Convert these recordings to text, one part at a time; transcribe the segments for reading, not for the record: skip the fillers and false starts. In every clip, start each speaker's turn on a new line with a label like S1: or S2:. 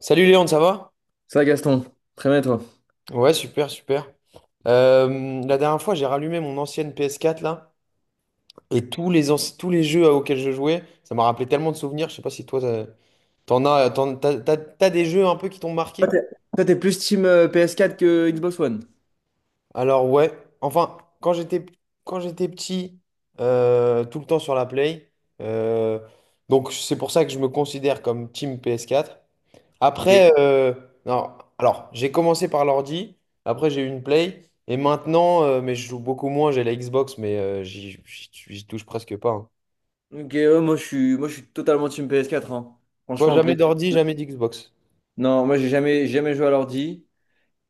S1: Salut Léon, ça va?
S2: Ça va, Gaston, très bien, et toi.
S1: Ouais, super, super. La dernière fois, j'ai rallumé mon ancienne PS4 là, et tous les jeux auxquels je jouais, ça m'a rappelé tellement de souvenirs. Je sais pas si toi, t'as- t'en as, t'en- t'as, t'as- t'as des jeux un peu qui t'ont
S2: Toi,
S1: marqué?
S2: t'es toi, t'es plus team PS4 que Xbox One.
S1: Alors ouais, enfin, quand j'étais petit, tout le temps sur la Play, euh, donc c'est pour ça que je me considère comme Team PS4.
S2: Ok.
S1: Après, non, alors, j'ai commencé par l'ordi, après j'ai eu une Play, et maintenant, mais je joue beaucoup moins, j'ai la Xbox, mais j'y touche presque pas, hein.
S2: Ok, ouais, moi je suis totalement team PS4, hein.
S1: Toi,
S2: Franchement,
S1: jamais d'ordi, jamais d'Xbox.
S2: non, moi j'ai jamais joué à l'ordi.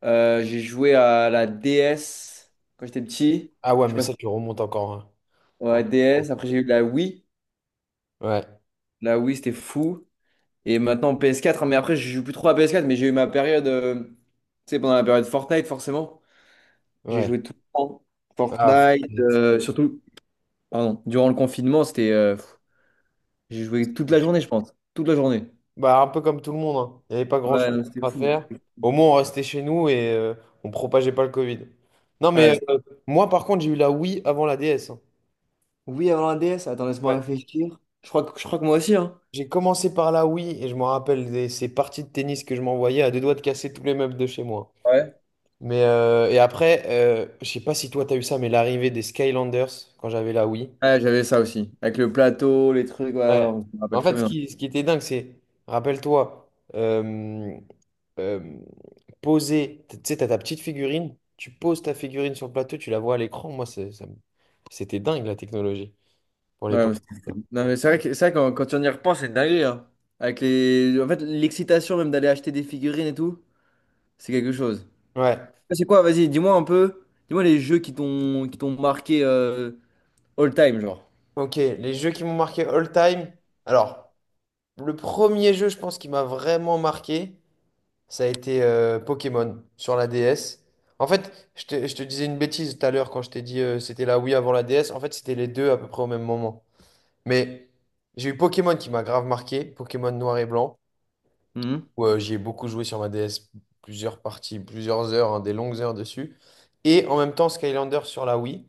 S2: J'ai joué à la DS quand j'étais petit.
S1: Ah ouais,
S2: Je
S1: mais
S2: passe
S1: ça, tu remontes encore, hein.
S2: à
S1: Oh,
S2: la
S1: oh.
S2: DS. Après j'ai eu la Wii.
S1: Ouais,
S2: La Wii c'était fou. Et maintenant PS4, hein, mais après je joue plus trop à PS4. Mais j'ai eu ma période, tu sais, pendant la période Fortnite forcément. J'ai
S1: ouais.
S2: joué tout le temps.
S1: Ah,
S2: Fortnite,
S1: Fortnite.
S2: surtout, pardon, durant le confinement, c'était. J'ai joué toute la journée, je pense. Toute la journée.
S1: Bah, un peu comme tout le monde, hein. Il n'y avait pas grand-chose
S2: Ouais, non, c'était
S1: à
S2: fou.
S1: faire. Au moins, on restait chez nous et on propageait pas le Covid. Non, mais
S2: Ouais,
S1: moi, par contre, j'ai eu la Wii avant la DS, hein.
S2: oui, avant la DS, attends, laisse-moi
S1: Ouais.
S2: réfléchir. Je crois que moi aussi, hein.
S1: J'ai commencé par la Wii et je me rappelle de ces parties de tennis que je m'envoyais à deux doigts de casser tous les meubles de chez moi.
S2: Ouais.
S1: Mais et après, je sais pas si toi t'as eu ça, mais l'arrivée des Skylanders quand j'avais la Wii.
S2: Ouais, j'avais ça aussi. Avec le plateau, les trucs, ouais,
S1: Ouais.
S2: on me rappelle
S1: En
S2: très
S1: fait,
S2: bien.
S1: ce qui était dingue, c'est, rappelle-toi, euh, euh, poser, tu sais, t'as ta petite figurine, tu poses ta figurine sur le plateau, tu la vois à l'écran. Moi, c'est- ça me- C'était dingue la technologie pour
S2: Ouais,
S1: l'époque.
S2: mais c'était fou. Non, mais c'est vrai, quand on y repense, c'est une dinguerie, hein. En fait, l'excitation même d'aller acheter des figurines et tout, c'est quelque chose.
S1: Ouais,
S2: C'est quoi, vas-y, dis-moi un peu. Dis-moi les jeux qui t'ont marqué. All time, genre.
S1: ok. Les jeux qui m'ont marqué all time. Alors. Le premier jeu, je pense, qui m'a vraiment marqué, ça a été Pokémon sur la DS. En fait, je te disais une bêtise tout à l'heure quand je t'ai dit c'était la Wii avant la DS. En fait, c'était les deux à peu près au même moment. Mais j'ai eu Pokémon qui m'a grave marqué, Pokémon noir et blanc,
S2: Mhm.
S1: où j'y ai beaucoup joué sur ma DS, plusieurs parties, plusieurs heures, hein, des longues heures dessus. Et en même temps, Skylander sur la Wii.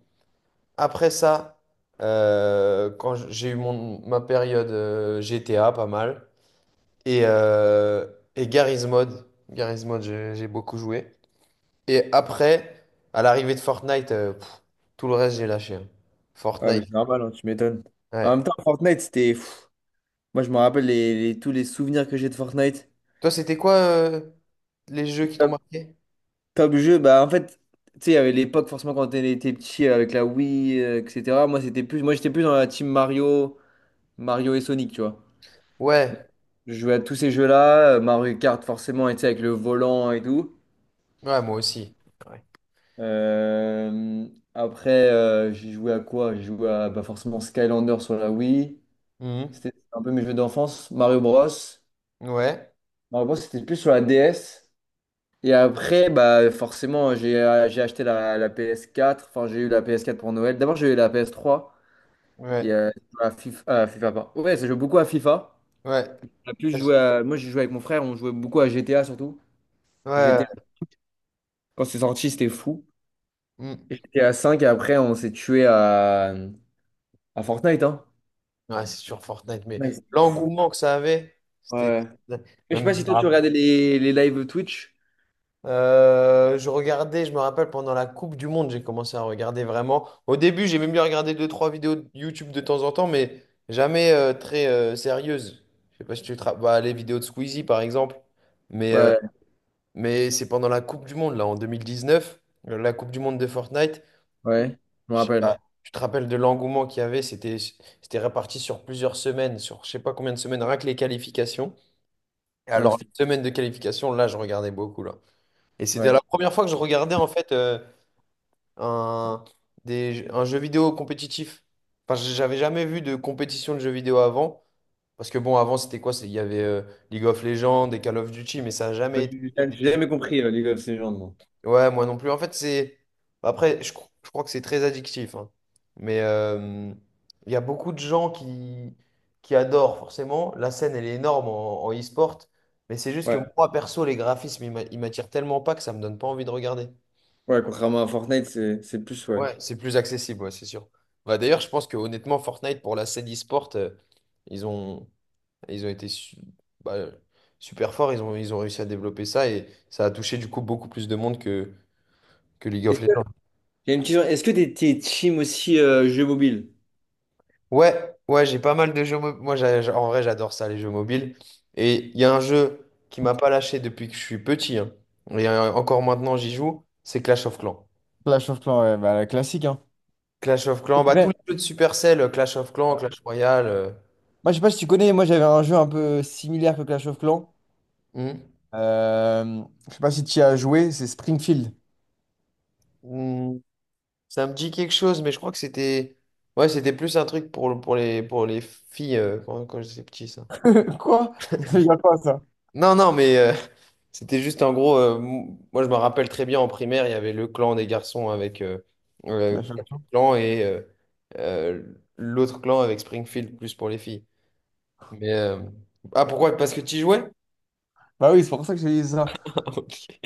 S1: Après ça, quand j'ai eu ma période GTA, pas mal et, euh, et Garry's Mod. Garry's Mod, j'ai beaucoup joué. Et après, à l'arrivée de Fortnite, tout le reste, j'ai lâché, hein.
S2: Ouais, mais
S1: Fortnite,
S2: c'est normal, hein, tu m'étonnes. En
S1: ouais.
S2: même temps, Fortnite, c'était. Moi, je me rappelle les, tous les souvenirs que j'ai de Fortnite.
S1: Toi, c'était quoi les jeux qui t'ont
S2: Top,
S1: marqué?
S2: top jeu, bah en fait, tu sais, il y avait l'époque, forcément, quand on était petit, avec la Wii, etc. Moi, j'étais plus dans la team Mario, Mario et Sonic, tu vois.
S1: Ouais,
S2: Je jouais à tous ces jeux-là, Mario Kart, forcément, et tu sais, avec le volant et tout.
S1: ouais, moi aussi. Ouais.
S2: Euh, Après, j'ai joué à quoi? J'ai joué à bah, forcément Skylander sur la Wii.
S1: Mhm.
S2: C'était un peu mes jeux d'enfance. Mario Bros.
S1: Ouais,
S2: Non, moi, c'était plus sur la DS. Et après, bah, forcément, j'ai acheté la PS4. Enfin, j'ai eu la PS4 pour Noël. D'abord, j'ai eu la PS3 et
S1: ouais,
S2: la FIFA, FIFA, pardon. Ouais, ça joue beaucoup à FIFA.
S1: ouais.
S2: En plus, moi, j'ai joué avec mon frère. On jouait beaucoup à GTA surtout.
S1: Ouais,
S2: GTA, quand c'est sorti, c'était fou.
S1: Mhm.
S2: Et GTA 5, et après, on s'est tué à, Fortnite, hein.
S1: Ouais, c'est sur Fortnite, mais
S2: Ouais, c'était fou.
S1: l'engouement que ça avait, c'était...
S2: Ouais.
S1: Même,
S2: Mais je sais
S1: je
S2: pas
S1: me
S2: si toi, tu
S1: rappelle.
S2: regardais les lives Twitch.
S1: Je regardais, je me rappelle, pendant la Coupe du Monde, j'ai commencé à regarder vraiment. Au début, j'ai même bien regardé deux, trois vidéos de YouTube de temps en temps, mais jamais très sérieuses. Je sais pas si tu te rapp- Bah, les vidéos de Squeezie, par exemple. Mais, euh,
S2: Ouais,
S1: mais c'est pendant la Coupe du Monde, là, en 2019, la Coupe du Monde de Fortnite.
S2: ouais, je me
S1: Je sais pas,
S2: rappelle.
S1: tu te rappelles de l'engouement qu'il y avait, c'était réparti sur plusieurs semaines, sur je sais pas combien de semaines, rien que les qualifications. Et
S2: Non,
S1: alors, les semaines de qualification, là, je regardais beaucoup, là. Et c'était
S2: ouais.
S1: la première fois que je regardais, en fait, un, un jeu vidéo compétitif. Enfin, j'avais jamais vu de compétition de jeux vidéo avant. Parce que bon, avant, il y avait League of Legends et Call of Duty, mais ça n'a jamais
S2: Ouais,
S1: été
S2: j'ai
S1: des jeux.
S2: jamais compris League of Legends, moi.
S1: Ouais, moi non plus. En fait, c'est. Après, je crois que c'est très addictif, hein. Mais il y a beaucoup de qui adorent, forcément. La scène, elle est énorme en, en e-sport. Mais c'est juste que
S2: Ouais,
S1: moi, perso, les graphismes, ils m'attirent tellement pas que ça me donne pas envie de regarder.
S2: ouais, contrairement à Fortnite, c'est plus, ouais.
S1: Ouais, c'est plus accessible, ouais, c'est sûr. Bah, d'ailleurs, je pense que honnêtement, Fortnite, pour la scène e-sport, ils ont, ils ont été su- bah, super forts, ils ont réussi à développer ça et ça a touché du coup beaucoup plus de monde que League
S2: Est-ce
S1: of
S2: que,
S1: Legends.
S2: j'ai une question, est-ce que t'es team aussi jeu mobile?
S1: Ouais, ouais, j'ai pas mal de jeux mobiles. Moi, en vrai, j'adore ça, les jeux mobiles. Et il y a un jeu qui m'a pas lâché depuis que je suis petit, hein, et encore maintenant j'y joue, c'est Clash of Clans.
S2: Clash of Clans, ouais, bah, la classique, hein.
S1: Clash of Clans, bah, tous les
S2: Ouais.
S1: jeux de Supercell, Clash of Clans, Clash Royale.
S2: Moi, je sais pas si tu connais, moi j'avais un jeu un peu similaire que Clash of Clans. Euh, je sais pas si tu y as joué, c'est Springfield.
S1: Hmm. Ça me dit quelque chose, mais je crois que c'était. Ouais, c'était plus un truc pour les filles quand j'étais petit, ça.
S2: Quoi? C'est déjà quoi ça?
S1: Non, non, mais c'était juste en gros. Moi, je me rappelle très bien en primaire, il y avait le clan des garçons avec
S2: Clash of
S1: Patrick
S2: Clans.
S1: Clan et euh, l'autre clan avec Springfield, plus pour les filles. Mais. euh, Ah, pourquoi? Parce que tu y jouais?
S2: Bah oui, c'est pour ça que je dit ça.
S1: Ok,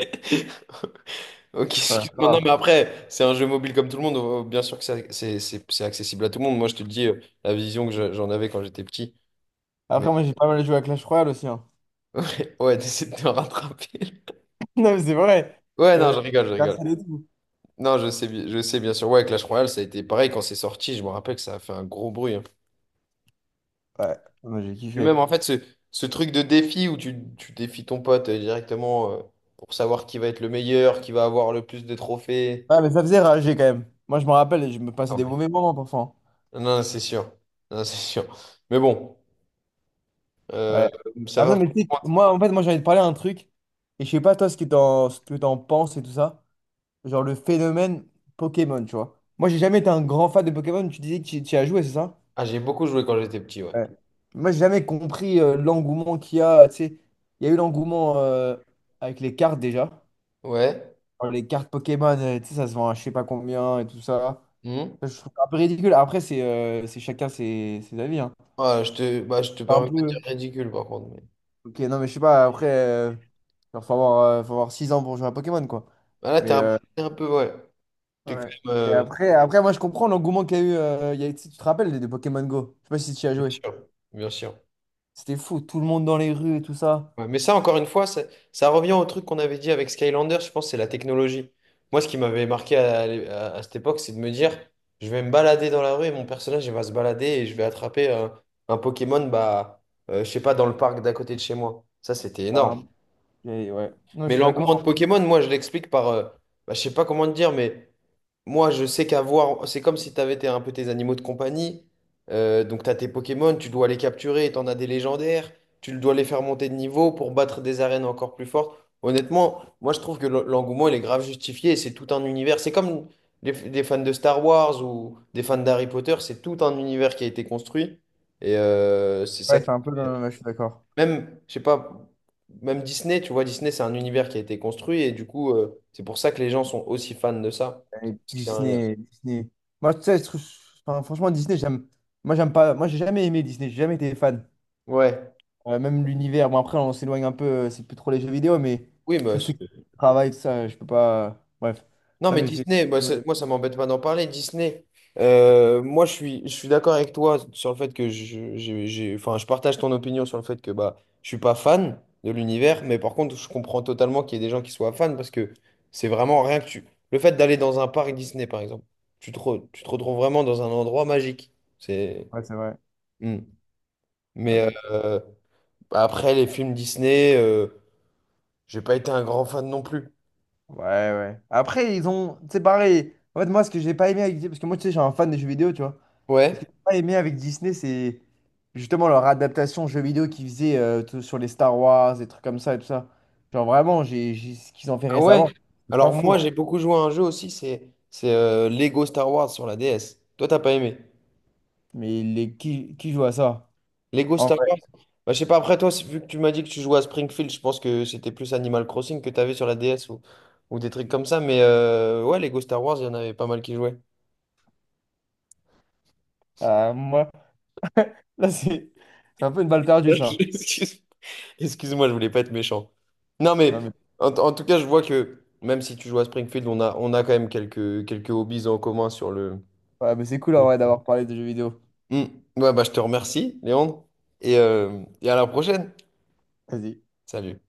S1: ok,
S2: Ouais, c'est
S1: excuse-moi. Non,
S2: grave.
S1: mais après, c'est un jeu mobile comme tout le monde. Bien sûr que c'est accessible à tout le monde. Moi, je te le dis la vision que j'en avais quand j'étais petit. Mais
S2: Après, moi j'ai pas mal joué à Clash Royale aussi, hein.
S1: ouais, d'essayer de te rattraper.
S2: Non, mais c'est vrai.
S1: Ouais, non,
S2: Euh,
S1: je rigole, je rigole.
S2: Personne et tout.
S1: Non, je sais bien sûr. Ouais, Clash Royale, ça a été pareil quand c'est sorti. Je me rappelle que ça a fait un gros bruit, hein.
S2: Ouais, moi j'ai
S1: Et même
S2: kiffé.
S1: en fait, ce truc de défi où tu défies ton pote directement pour savoir qui va être le meilleur, qui va avoir le plus de trophées.
S2: Ah, mais ça faisait rager quand même. Moi, je me rappelle, et je me
S1: Ah
S2: passais des
S1: ouais.
S2: mauvais moments parfois.
S1: Non, non, c'est sûr. Non, c'est sûr. Mais bon, euh,
S2: Ouais.
S1: ça
S2: Ah, putain,
S1: va.
S2: mais tu sais, moi, en fait, moi, j'ai envie de parler un truc. Et je sais pas, toi, ce que t'en penses et tout ça. Genre le phénomène Pokémon, tu vois. Moi, j'ai jamais été un grand fan de Pokémon. Tu disais que tu y as joué, c'est ça?
S1: Ah, j'ai beaucoup joué quand j'étais petit, ouais.
S2: Ouais. Moi, j'ai jamais compris l'engouement qu'il y a. Tu sais, il y a eu l'engouement avec les cartes déjà.
S1: Ouais.
S2: Alors, les cartes Pokémon, tu sais, ça se vend à je sais pas combien et tout ça.
S1: Hmm.
S2: Ça, je trouve ça un peu ridicule. Après, c'est chacun ses avis, hein.
S1: Ah, bah, je te
S2: C'est un
S1: permets pas de dire
S2: peu.
S1: ridicule par contre. Mais...
S2: Ok, non, mais je sais pas, après, genre, faut avoir 6 ans pour jouer à Pokémon, quoi.
S1: Ah,
S2: Mais,
S1: t'es un peu, ouais. T'es quand
S2: ouais.
S1: même,
S2: Et après, moi, je comprends l'engouement qu'il y a eu. Tu te rappelles de des Pokémon Go? Je sais pas si tu y as
S1: bien
S2: joué.
S1: sûr, bien sûr.
S2: C'était fou, tout le monde dans les rues et tout ça.
S1: Ouais, mais ça, encore une fois, ça revient au truc qu'on avait dit avec Skylander, je pense, c'est la technologie. Moi, ce qui m'avait marqué à cette époque, c'est de me dire, je vais me balader dans la rue et mon personnage, il va se balader et je vais attraper un Pokémon, bah, je sais pas, dans le parc d'à côté de chez moi. Ça, c'était
S2: Euh,
S1: énorme.
S2: et ouais. Non, je
S1: Mais
S2: suis
S1: l'engouement
S2: d'accord.
S1: de Pokémon, moi, je l'explique par. Bah, je sais pas comment te dire, mais moi, je sais qu'avoir. C'est comme si tu avais un peu tes animaux de compagnie. Donc, tu as tes Pokémon, tu dois les capturer, tu en as des légendaires. Tu dois les faire monter de niveau pour battre des arènes encore plus fortes. Honnêtement, moi, je trouve que l'engouement, il est grave justifié. Et c'est tout un univers. C'est comme les fans de Star Wars ou des fans d'Harry Potter. C'est tout un univers qui a été construit. Et c'est ça
S2: Ouais,
S1: qui.
S2: c'est un peu dans le même- je suis d'accord.
S1: Même, je sais pas, même Disney, tu vois, Disney, c'est un univers qui a été construit et du coup, c'est pour ça que les gens sont aussi fans de ça.
S2: Et
S1: Parce que c'est un lien.
S2: Disney, Disney. Moi, tu sais, enfin, franchement, Disney, j'aime. Moi, j'aime pas. Moi, j'ai jamais aimé Disney, j'ai jamais été fan.
S1: Ouais.
S2: Même l'univers, bon après on s'éloigne un peu, c'est plus trop les jeux vidéo, mais
S1: Oui,
S2: tous
S1: mais
S2: ceux qui
S1: c'est-
S2: travaillent, tout ça, je peux pas. Bref.
S1: non,
S2: Non
S1: mais
S2: mais c'est.
S1: Disney,
S2: Ouais,
S1: moi, ça m'embête pas d'en parler. Disney, moi, je suis d'accord avec toi sur le fait que enfin, je partage ton opinion sur le fait que bah, je suis pas fan de l'univers, mais par contre, je comprends totalement qu'il y ait des gens qui soient fans parce que c'est vraiment rien que tu. Le fait d'aller dans un parc Disney, par exemple, tu te retrouves vraiment dans un endroit magique. C'est.
S2: c'est vrai.
S1: Mm.
S2: Non,
S1: Mais
S2: mais.
S1: après, les films Disney, j'ai pas été un grand fan non plus.
S2: Ouais, ouais. Après, ils ont. C'est pareil. En fait, moi, ce que j'ai pas aimé avec Disney, parce que moi, tu sais, je suis un fan des jeux vidéo, tu vois. Et ce que
S1: Ouais?
S2: j'ai pas aimé avec Disney, c'est justement leur adaptation jeux vidéo qu'ils faisaient sur les Star Wars, des trucs comme ça et tout ça. Genre vraiment, ce qu'ils ont fait
S1: Ah ouais?
S2: récemment. C'est pas
S1: Alors
S2: fou,
S1: moi,
S2: hein.
S1: j'ai beaucoup joué à un jeu aussi, c'est Lego Star Wars sur la DS. Toi, t'as pas aimé.
S2: Qui joue à ça?
S1: Lego
S2: En
S1: Star
S2: vrai.
S1: Wars? Bah, je sais pas, après toi, vu que tu m'as dit que tu jouais à Springfield, je pense que c'était plus Animal Crossing que t'avais sur la DS ou des trucs comme ça. Mais ouais, Lego Star Wars, il y en avait pas mal qui jouaient.
S2: Moi. Là, c'est un peu une balle perdue, ça.
S1: Excuse-moi. Excuse-moi, je voulais pas être méchant. Non, mais
S2: Non, mais,
S1: en tout cas, je vois que même si tu joues à Springfield, on a quand même quelques hobbies en commun sur le...
S2: ouais, mais c'est cool en
S1: Oui.
S2: vrai d'avoir parlé de jeux vidéo.
S1: Hmm. Ouais, bah, je te remercie, Léandre. Et et à la prochaine.
S2: Vas-y.
S1: Salut.